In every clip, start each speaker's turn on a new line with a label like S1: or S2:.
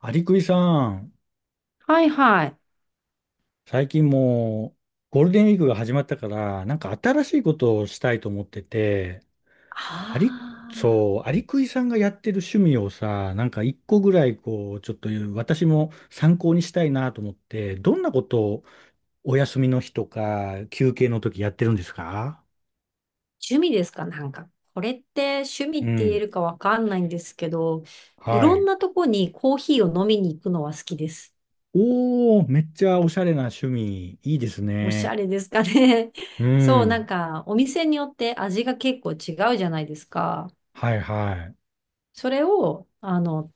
S1: アリクイさん、
S2: はいはい。
S1: 最近もうゴールデンウィークが始まったから、なんか新しいことをしたいと思ってて、アリ、
S2: ああ、
S1: そう、アリクイさんがやってる趣味をさ、なんか一個ぐらいこう、ちょっと私も参考にしたいなと思って、どんなことをお休みの日とか休憩の時やってるんですか？
S2: 趣味ですか？なんか、これって趣味っ
S1: う
S2: て言え
S1: ん。
S2: るかわかんないんですけど、い
S1: は
S2: ろん
S1: い。
S2: なとこにコーヒーを飲みに行くのは好きです。
S1: おー、めっちゃおしゃれな趣味、いいです
S2: おしゃ
S1: ね。
S2: れですかね。
S1: う
S2: そう、なん
S1: ん。
S2: か、お店によって味が結構違うじゃないですか。
S1: はいはい。
S2: それを、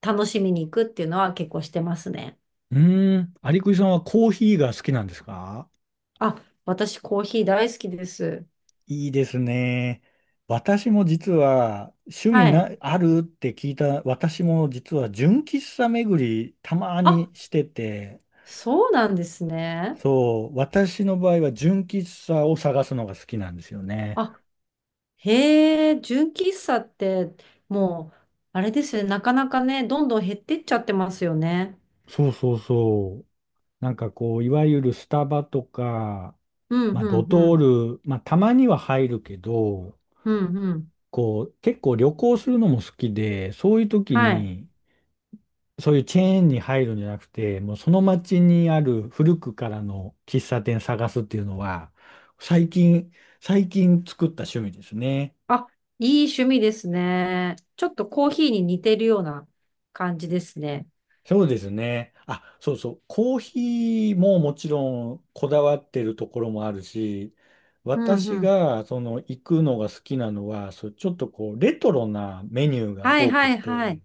S2: 楽しみに行くっていうのは結構してますね。
S1: うーん。アリクイさんはコーヒーが好きなんですか？
S2: あ、私コーヒー大好きです。
S1: いいですね。私も実は趣味
S2: は
S1: な、
S2: い。
S1: あるって聞いた、私も実は純喫茶巡りたま
S2: あ、
S1: にしてて、
S2: そうなんですね。
S1: そう、私の場合は純喫茶を探すのが好きなんですよね。
S2: あ、へえ、純喫茶って、もう、あれですよね。なかなかね、どんどん減ってっちゃってますよね。
S1: そうそうそう。なんかこう、いわゆるスタバとか、
S2: うん、
S1: まあ
S2: う
S1: ド
S2: ん、う
S1: トー
S2: ん、
S1: ル、まあたまには入るけど、
S2: うん、うん。
S1: こう、結構旅行するのも好きで、そういう時
S2: はい。
S1: にそういうチェーンに入るんじゃなくて、もうその町にある古くからの喫茶店探すっていうのは、最近、最近作った趣味ですね。
S2: あ、いい趣味ですね。ちょっとコーヒーに似てるような感じですね。
S1: そうですね。あ、そうそう。コーヒーももちろんこだわってるところもあるし、
S2: うん、
S1: 私
S2: うん。
S1: がその行くのが好きなのは、そう、ちょっとこう、レトロなメニューが
S2: はい、
S1: 多く
S2: はい、は
S1: て、
S2: い。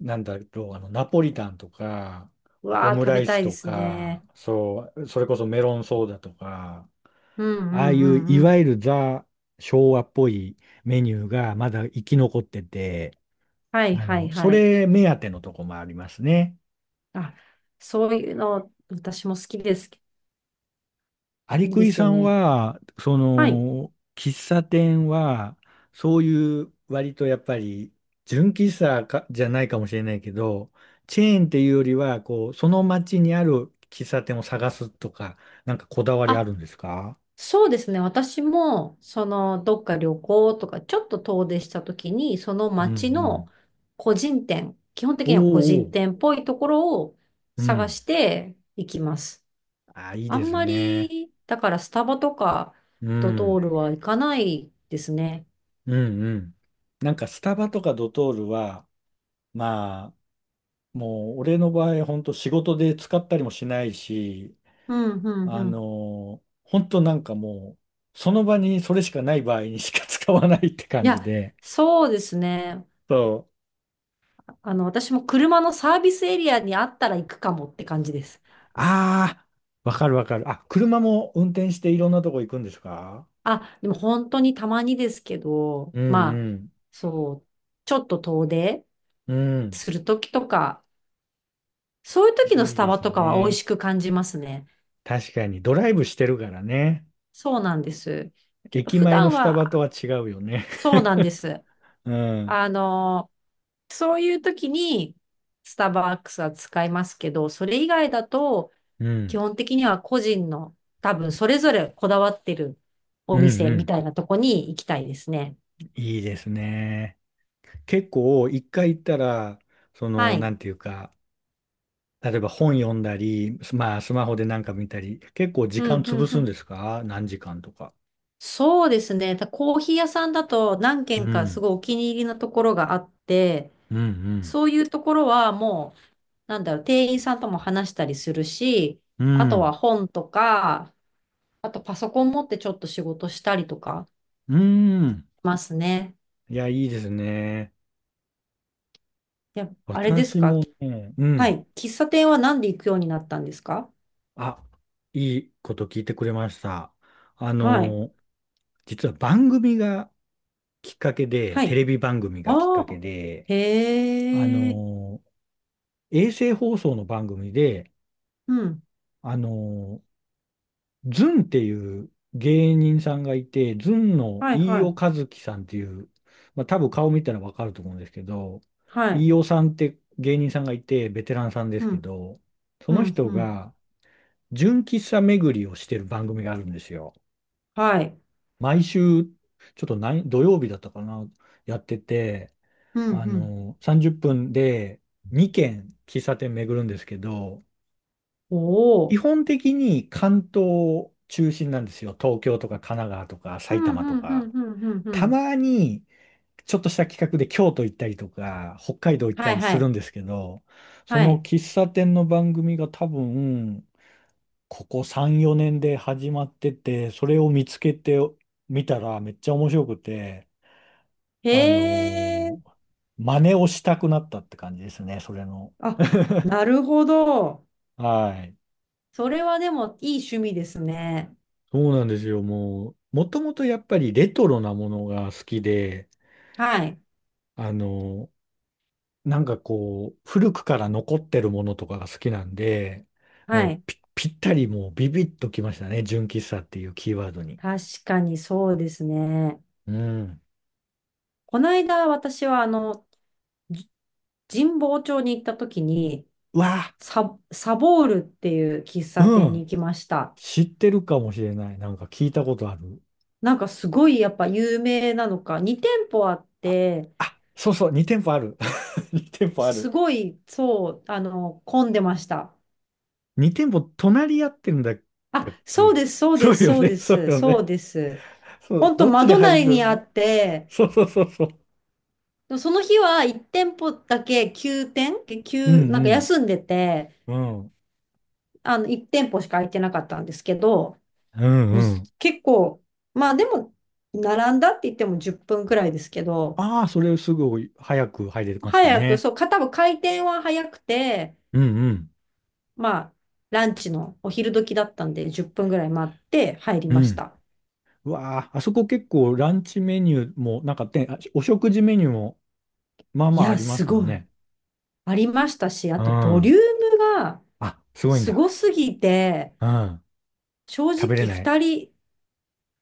S1: なんだろう、あの、ナポリタンとか、
S2: う
S1: オ
S2: わー、
S1: ム
S2: 食
S1: ラ
S2: べ
S1: イ
S2: た
S1: ス
S2: いで
S1: と
S2: す
S1: か、
S2: ね。
S1: そう、それこそメロンソーダとか、
S2: うん、う
S1: ああ
S2: ん、
S1: い
S2: う
S1: うい
S2: ん、う
S1: わ
S2: ん。
S1: ゆるザ昭和っぽいメニューがまだ生き残ってて、
S2: はい、
S1: あ
S2: はい、
S1: の、そ
S2: はい。
S1: れ目当てのとこもありますね。
S2: あ、そういうの、私も好きです。
S1: アリ
S2: いい
S1: ク
S2: で
S1: イ
S2: すよ
S1: さん
S2: ね。
S1: は、そ
S2: はい。
S1: の、喫茶店は、そういう割とやっぱり、純喫茶かじゃないかもしれないけど、チェーンっていうよりは、こう、その街にある喫茶店を探すとか、なんかこだわりあ
S2: あ、
S1: るんですか？
S2: そうですね。私も、どっか旅行とか、ちょっと遠出したときに、その
S1: うんう
S2: 街の
S1: ん。
S2: 個人店、基本的
S1: お
S2: に
S1: ー
S2: は個人
S1: おー、
S2: 店っぽいところを
S1: う
S2: 探
S1: ん。
S2: していきます。
S1: あ、いい
S2: あ
S1: で
S2: ん
S1: す
S2: ま
S1: ね。
S2: り、だからスタバとか
S1: う
S2: ドトー
S1: ん。
S2: ルは行かないですね。
S1: うんうん。なんかスタバとかドトールは、まあ、もう俺の場合、本当仕事で使ったりもしないし、
S2: うん、うん、
S1: あ
S2: うん。
S1: の本当なんかもう、その場にそれしかない場合にしか使わないって
S2: い
S1: 感じ
S2: や、
S1: で。
S2: そうですね。
S1: そう。
S2: 私も車のサービスエリアにあったら行くかもって感じです。
S1: ああ、わかるわかる。あ、車も運転していろんなとこ行くんですか？
S2: あ、でも本当にたまにですけど、
S1: う
S2: まあ、
S1: ん
S2: そう、ちょっと遠出
S1: うん。うん。
S2: するときとか、そういう時のス
S1: いい
S2: タ
S1: で
S2: バ
S1: す
S2: とかは美味
S1: ね。
S2: しく感じますね。
S1: 確かに、ドライブしてるからね。
S2: そうなんです。けど、
S1: 駅
S2: 普
S1: 前の
S2: 段
S1: スタバと
S2: は、
S1: は違うよね。
S2: そうなんです。
S1: うん。
S2: あの、そういう時にスターバックスは使いますけど、それ以外だと、
S1: う
S2: 基
S1: ん。
S2: 本的には個人の、多分それぞれこだわってるお
S1: うん
S2: 店
S1: う
S2: み
S1: ん。
S2: たいなとこに行きたいですね。
S1: いいですね。結構、一回行ったら、そ
S2: は
S1: の、な
S2: い。
S1: んていうか、例えば本読んだり、すまあ、スマホでなんか見たり、結構時
S2: う
S1: 間
S2: ん、う
S1: 潰
S2: ん、う
S1: すん
S2: ん。
S1: ですか？何時間とか。
S2: そうですね。コーヒー屋さんだと何
S1: う
S2: 軒かす
S1: ん、
S2: ごいお気に入りのところがあって、
S1: うん、うん、
S2: そういうところはもう、なんだろう、店員さんとも話したりするし、
S1: う
S2: あとは
S1: ん、
S2: 本とか、あとパソコン持ってちょっと仕事したりとか
S1: うん。
S2: しますね。
S1: いや、いいですね。
S2: いや、あれです
S1: 私
S2: か？
S1: もね、う
S2: は
S1: ん。
S2: い。喫茶店は何で行くようになったんですか？
S1: あ、いいこと聞いてくれました。あ
S2: はい。
S1: の、実は番組がきっかけで、
S2: は
S1: テ
S2: い。
S1: レビ番組がきっ
S2: あ
S1: かけ
S2: あ。
S1: で、あ
S2: へえ。
S1: の、衛星放送の番組で、
S2: うん。
S1: あの、ズンっていう芸人さんがいて、ズンの
S2: はい
S1: 飯
S2: は
S1: 尾
S2: い。
S1: 和樹さんっていう、まあ多分顔見たらわかると思うんですけど、
S2: はい。
S1: 飯尾さんって芸人さんがいて、ベテランさんです
S2: う
S1: け
S2: ん。
S1: ど、そ
S2: う
S1: の
S2: ん。
S1: 人
S2: うん。
S1: が純喫茶巡りをしてる番組があるんですよ。
S2: はい。
S1: 毎週、ちょっと何、土曜日だったかな、やってて、
S2: うん。
S1: あ
S2: うん。
S1: の、30分で2軒喫茶店巡るんですけど、
S2: お
S1: 基
S2: お。
S1: 本的に関東中心なんですよ。東京とか神奈川とか
S2: う
S1: 埼
S2: ん、う
S1: 玉と
S2: ん、う
S1: か。
S2: ん、うん、うん。う
S1: た
S2: ん。
S1: まにちょっとした企画で京都行ったりとか、北海道行った
S2: はい、
S1: り
S2: は
S1: するん
S2: い、
S1: ですけど、そ
S2: は
S1: の
S2: い。
S1: 喫茶店の番組が多分、ここ3、4年で始まってて、それを見つけてみたらめっちゃ面白くて、
S2: へ
S1: あ
S2: え、
S1: のー真似をしたくなったって感じですね、それの。
S2: あ、なるほど。
S1: はい。
S2: それはでもいい趣味ですね。
S1: そうなんですよ。もう、もともとやっぱりレトロなものが好きで、
S2: はい、
S1: あの、なんかこう、古くから残ってるものとかが好きなんで、
S2: は
S1: もう
S2: い。
S1: ぴったりもうビビッときましたね。純喫茶っていうキーワードに。
S2: 確かにそうですね。
S1: うん。
S2: この間、私は、じ神保町に行った時に、
S1: うわ、
S2: サボールっていう喫茶
S1: う
S2: 店に行
S1: ん。
S2: きました。
S1: 知ってるかもしれない。なんか聞いたことある。
S2: なんかすごいやっぱ有名なのか、2店舗あっ
S1: あ、
S2: て、
S1: あ、そうそう、2店舗ある。2店舗あ
S2: す
S1: る。
S2: ごい、そう、混んでました。
S1: 2店舗隣り合ってるんだった
S2: あ、
S1: っ
S2: そうで
S1: け？
S2: す、そう
S1: そ
S2: で
S1: う
S2: す、
S1: よ
S2: そう
S1: ね、
S2: で
S1: そう
S2: す、
S1: よ
S2: そう
S1: ね。
S2: です。
S1: そう、
S2: 本当
S1: どっちに
S2: 窓
S1: 入
S2: 内にあ
S1: る？
S2: って、
S1: そうそうそうそう。
S2: その日は1店舗だけ休店、
S1: うん
S2: なんか休んでて、
S1: うん。うん
S2: 1店舗しか空いてなかったんですけど、
S1: うん
S2: もう
S1: う
S2: す
S1: ん。
S2: 結構、まあでも、並んだって言っても10分くらいですけど、
S1: ああ、それすぐ早く入れました
S2: 早く、
S1: ね。
S2: そう、多分開店は早くて、
S1: うんうん。
S2: まあ、ランチのお昼時だったんで、10分くらい待って入り
S1: う
S2: まし
S1: ん。
S2: た。
S1: うわあ、あそこ結構ランチメニューも、なんかて、あお食事メニューも、まあ
S2: い
S1: まああ
S2: や、
S1: りま
S2: す
S1: すよ
S2: ごい。
S1: ね。
S2: ありましたし、あ
S1: う
S2: とボリュ
S1: ん。
S2: ームが、
S1: あ、すごいん
S2: す
S1: だ。
S2: ごすぎて、
S1: うん。
S2: 正
S1: 食べれ
S2: 直
S1: ない。
S2: 二人、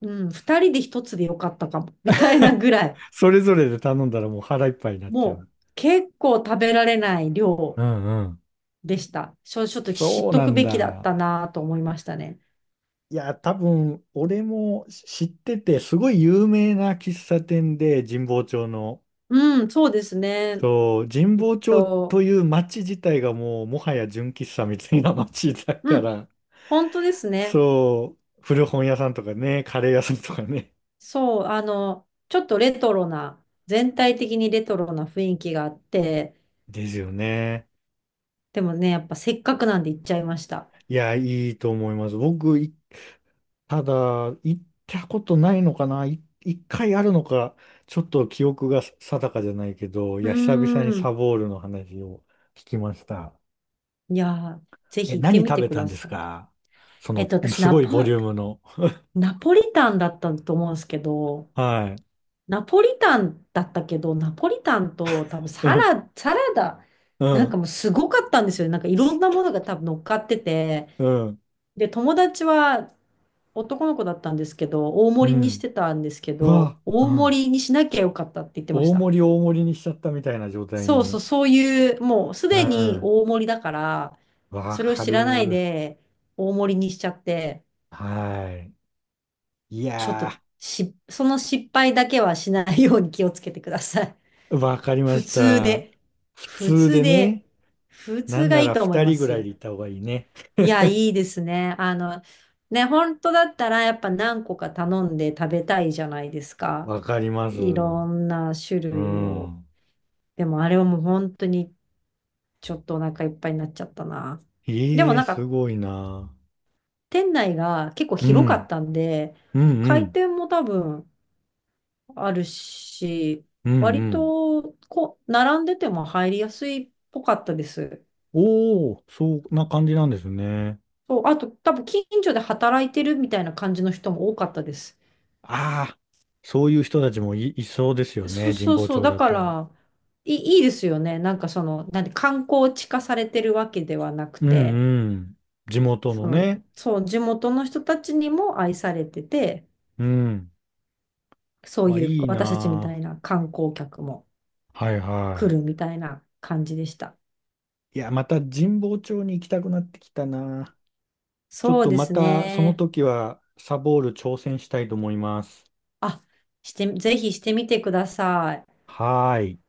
S2: うん、二人で一つでよかったかも、みたいな ぐらい、
S1: それぞれで頼んだらもう腹いっぱいになっちゃう。
S2: もう結構食べられない
S1: う
S2: 量
S1: んうん。
S2: でした。ちょっと知っ
S1: そう
S2: と
S1: な
S2: く
S1: ん
S2: べきだっ
S1: だ。
S2: たなと思いましたね。
S1: いや、多分、俺も知ってて、すごい有名な喫茶店で、神保町の。
S2: うん、そうですね。
S1: そう、神
S2: きっ
S1: 保町と
S2: と、
S1: いう町自体がもうもはや純喫茶みたいな町だ
S2: う
S1: か
S2: ん、
S1: ら、
S2: 本当ですね。
S1: そう、古本屋さんとかね、カレー屋さんとかね。
S2: そう、ちょっとレトロな、全体的にレトロな雰囲気があって、
S1: ですよね。
S2: でもね、やっぱせっかくなんで行っちゃいました。
S1: いや、いいと思います。僕、いただ、行ったことないのかな、一回あるのか、ちょっと記憶が定かじゃないけど、い
S2: う
S1: や、久々に
S2: ー
S1: サ
S2: ん、
S1: ボールの話を聞きました。
S2: いやー、ぜ
S1: え、
S2: ひ行って
S1: 何
S2: み
S1: 食
S2: て
S1: べ
S2: く
S1: たん
S2: だ
S1: です
S2: さい。
S1: か？その、
S2: 私、
S1: すごいボリュームの。
S2: ナポリタンだったと思うんですけど、
S1: はい。
S2: ナポリタンだったけど、ナポリタンと多分
S1: うん。
S2: サラダ、
S1: う
S2: なんか
S1: ん。
S2: もうすごかったんですよね。なんかいろんなものが多分乗っかってて、
S1: うん、
S2: で、友達は男の子だったんですけど、大
S1: う
S2: 盛りにし
S1: ん。
S2: てたんですけ
S1: う
S2: ど、
S1: わ、う
S2: 大
S1: ん。
S2: 盛りにしなきゃよかったって言ってまし
S1: 大
S2: た。
S1: 盛り大盛りにしちゃったみたいな状態
S2: そうそう、
S1: に。
S2: そういう、もうす
S1: う
S2: でに
S1: ん。
S2: 大盛りだから、
S1: わ
S2: それを
S1: か
S2: 知らない
S1: る。
S2: で大盛りにしちゃって、
S1: はい。い
S2: ちょっと
S1: や
S2: し、その失敗だけはしないように気をつけてください。
S1: ー、わかり ま
S2: 普
S1: し
S2: 通
S1: た。
S2: で。
S1: 普
S2: 普
S1: 通
S2: 通
S1: で
S2: で。
S1: ね、
S2: 普
S1: な
S2: 通
S1: ん
S2: が
S1: な
S2: いい
S1: ら
S2: と思い
S1: 二
S2: ま
S1: 人ぐらい
S2: す。
S1: で行った方がいいね。
S2: いや、いいですね。ね、本当だったらやっぱ何個か頼んで食べたいじゃないですか。
S1: わかります。
S2: いろんな種
S1: う
S2: 類を。
S1: ん。
S2: でもあれはもう本当にちょっとお腹いっぱいになっちゃったな。でも
S1: ええ、
S2: なん
S1: す
S2: か
S1: ごいな。
S2: 店内が結構
S1: う
S2: 広か
S1: ん。
S2: ったんで、
S1: うんう
S2: 開
S1: ん。
S2: 店も多分あるし、
S1: うん
S2: 割
S1: うん。
S2: とこう並んでても入りやすいっぽかったです。
S1: おお、そんな感じなんですね。
S2: そう、あと多分近所で働いてるみたいな感じの人も多かったです。
S1: ああ、そういう人たちもいそうですよ
S2: そ
S1: ね、
S2: う
S1: 神
S2: そう
S1: 保
S2: そう、
S1: 町
S2: だ
S1: だ
S2: か
S1: と。
S2: らいいですよね。なんかなんで観光地化されてるわけではなく
S1: うん
S2: て、
S1: うん。地元の
S2: その、
S1: ね。
S2: そう、地元の人たちにも愛されてて、
S1: うん。
S2: そう
S1: わ、
S2: いう
S1: いい
S2: 私たちみたい
S1: な
S2: な観光客も
S1: あ。はい
S2: 来
S1: は
S2: るみたいな感じでした。
S1: い。いや、また神保町に行きたくなってきたな。ちょっ
S2: そう
S1: と
S2: で
S1: ま
S2: す
S1: たその
S2: ね。
S1: 時はサボール挑戦したいと思います。
S2: あ、ぜひしてみてください。
S1: はーい。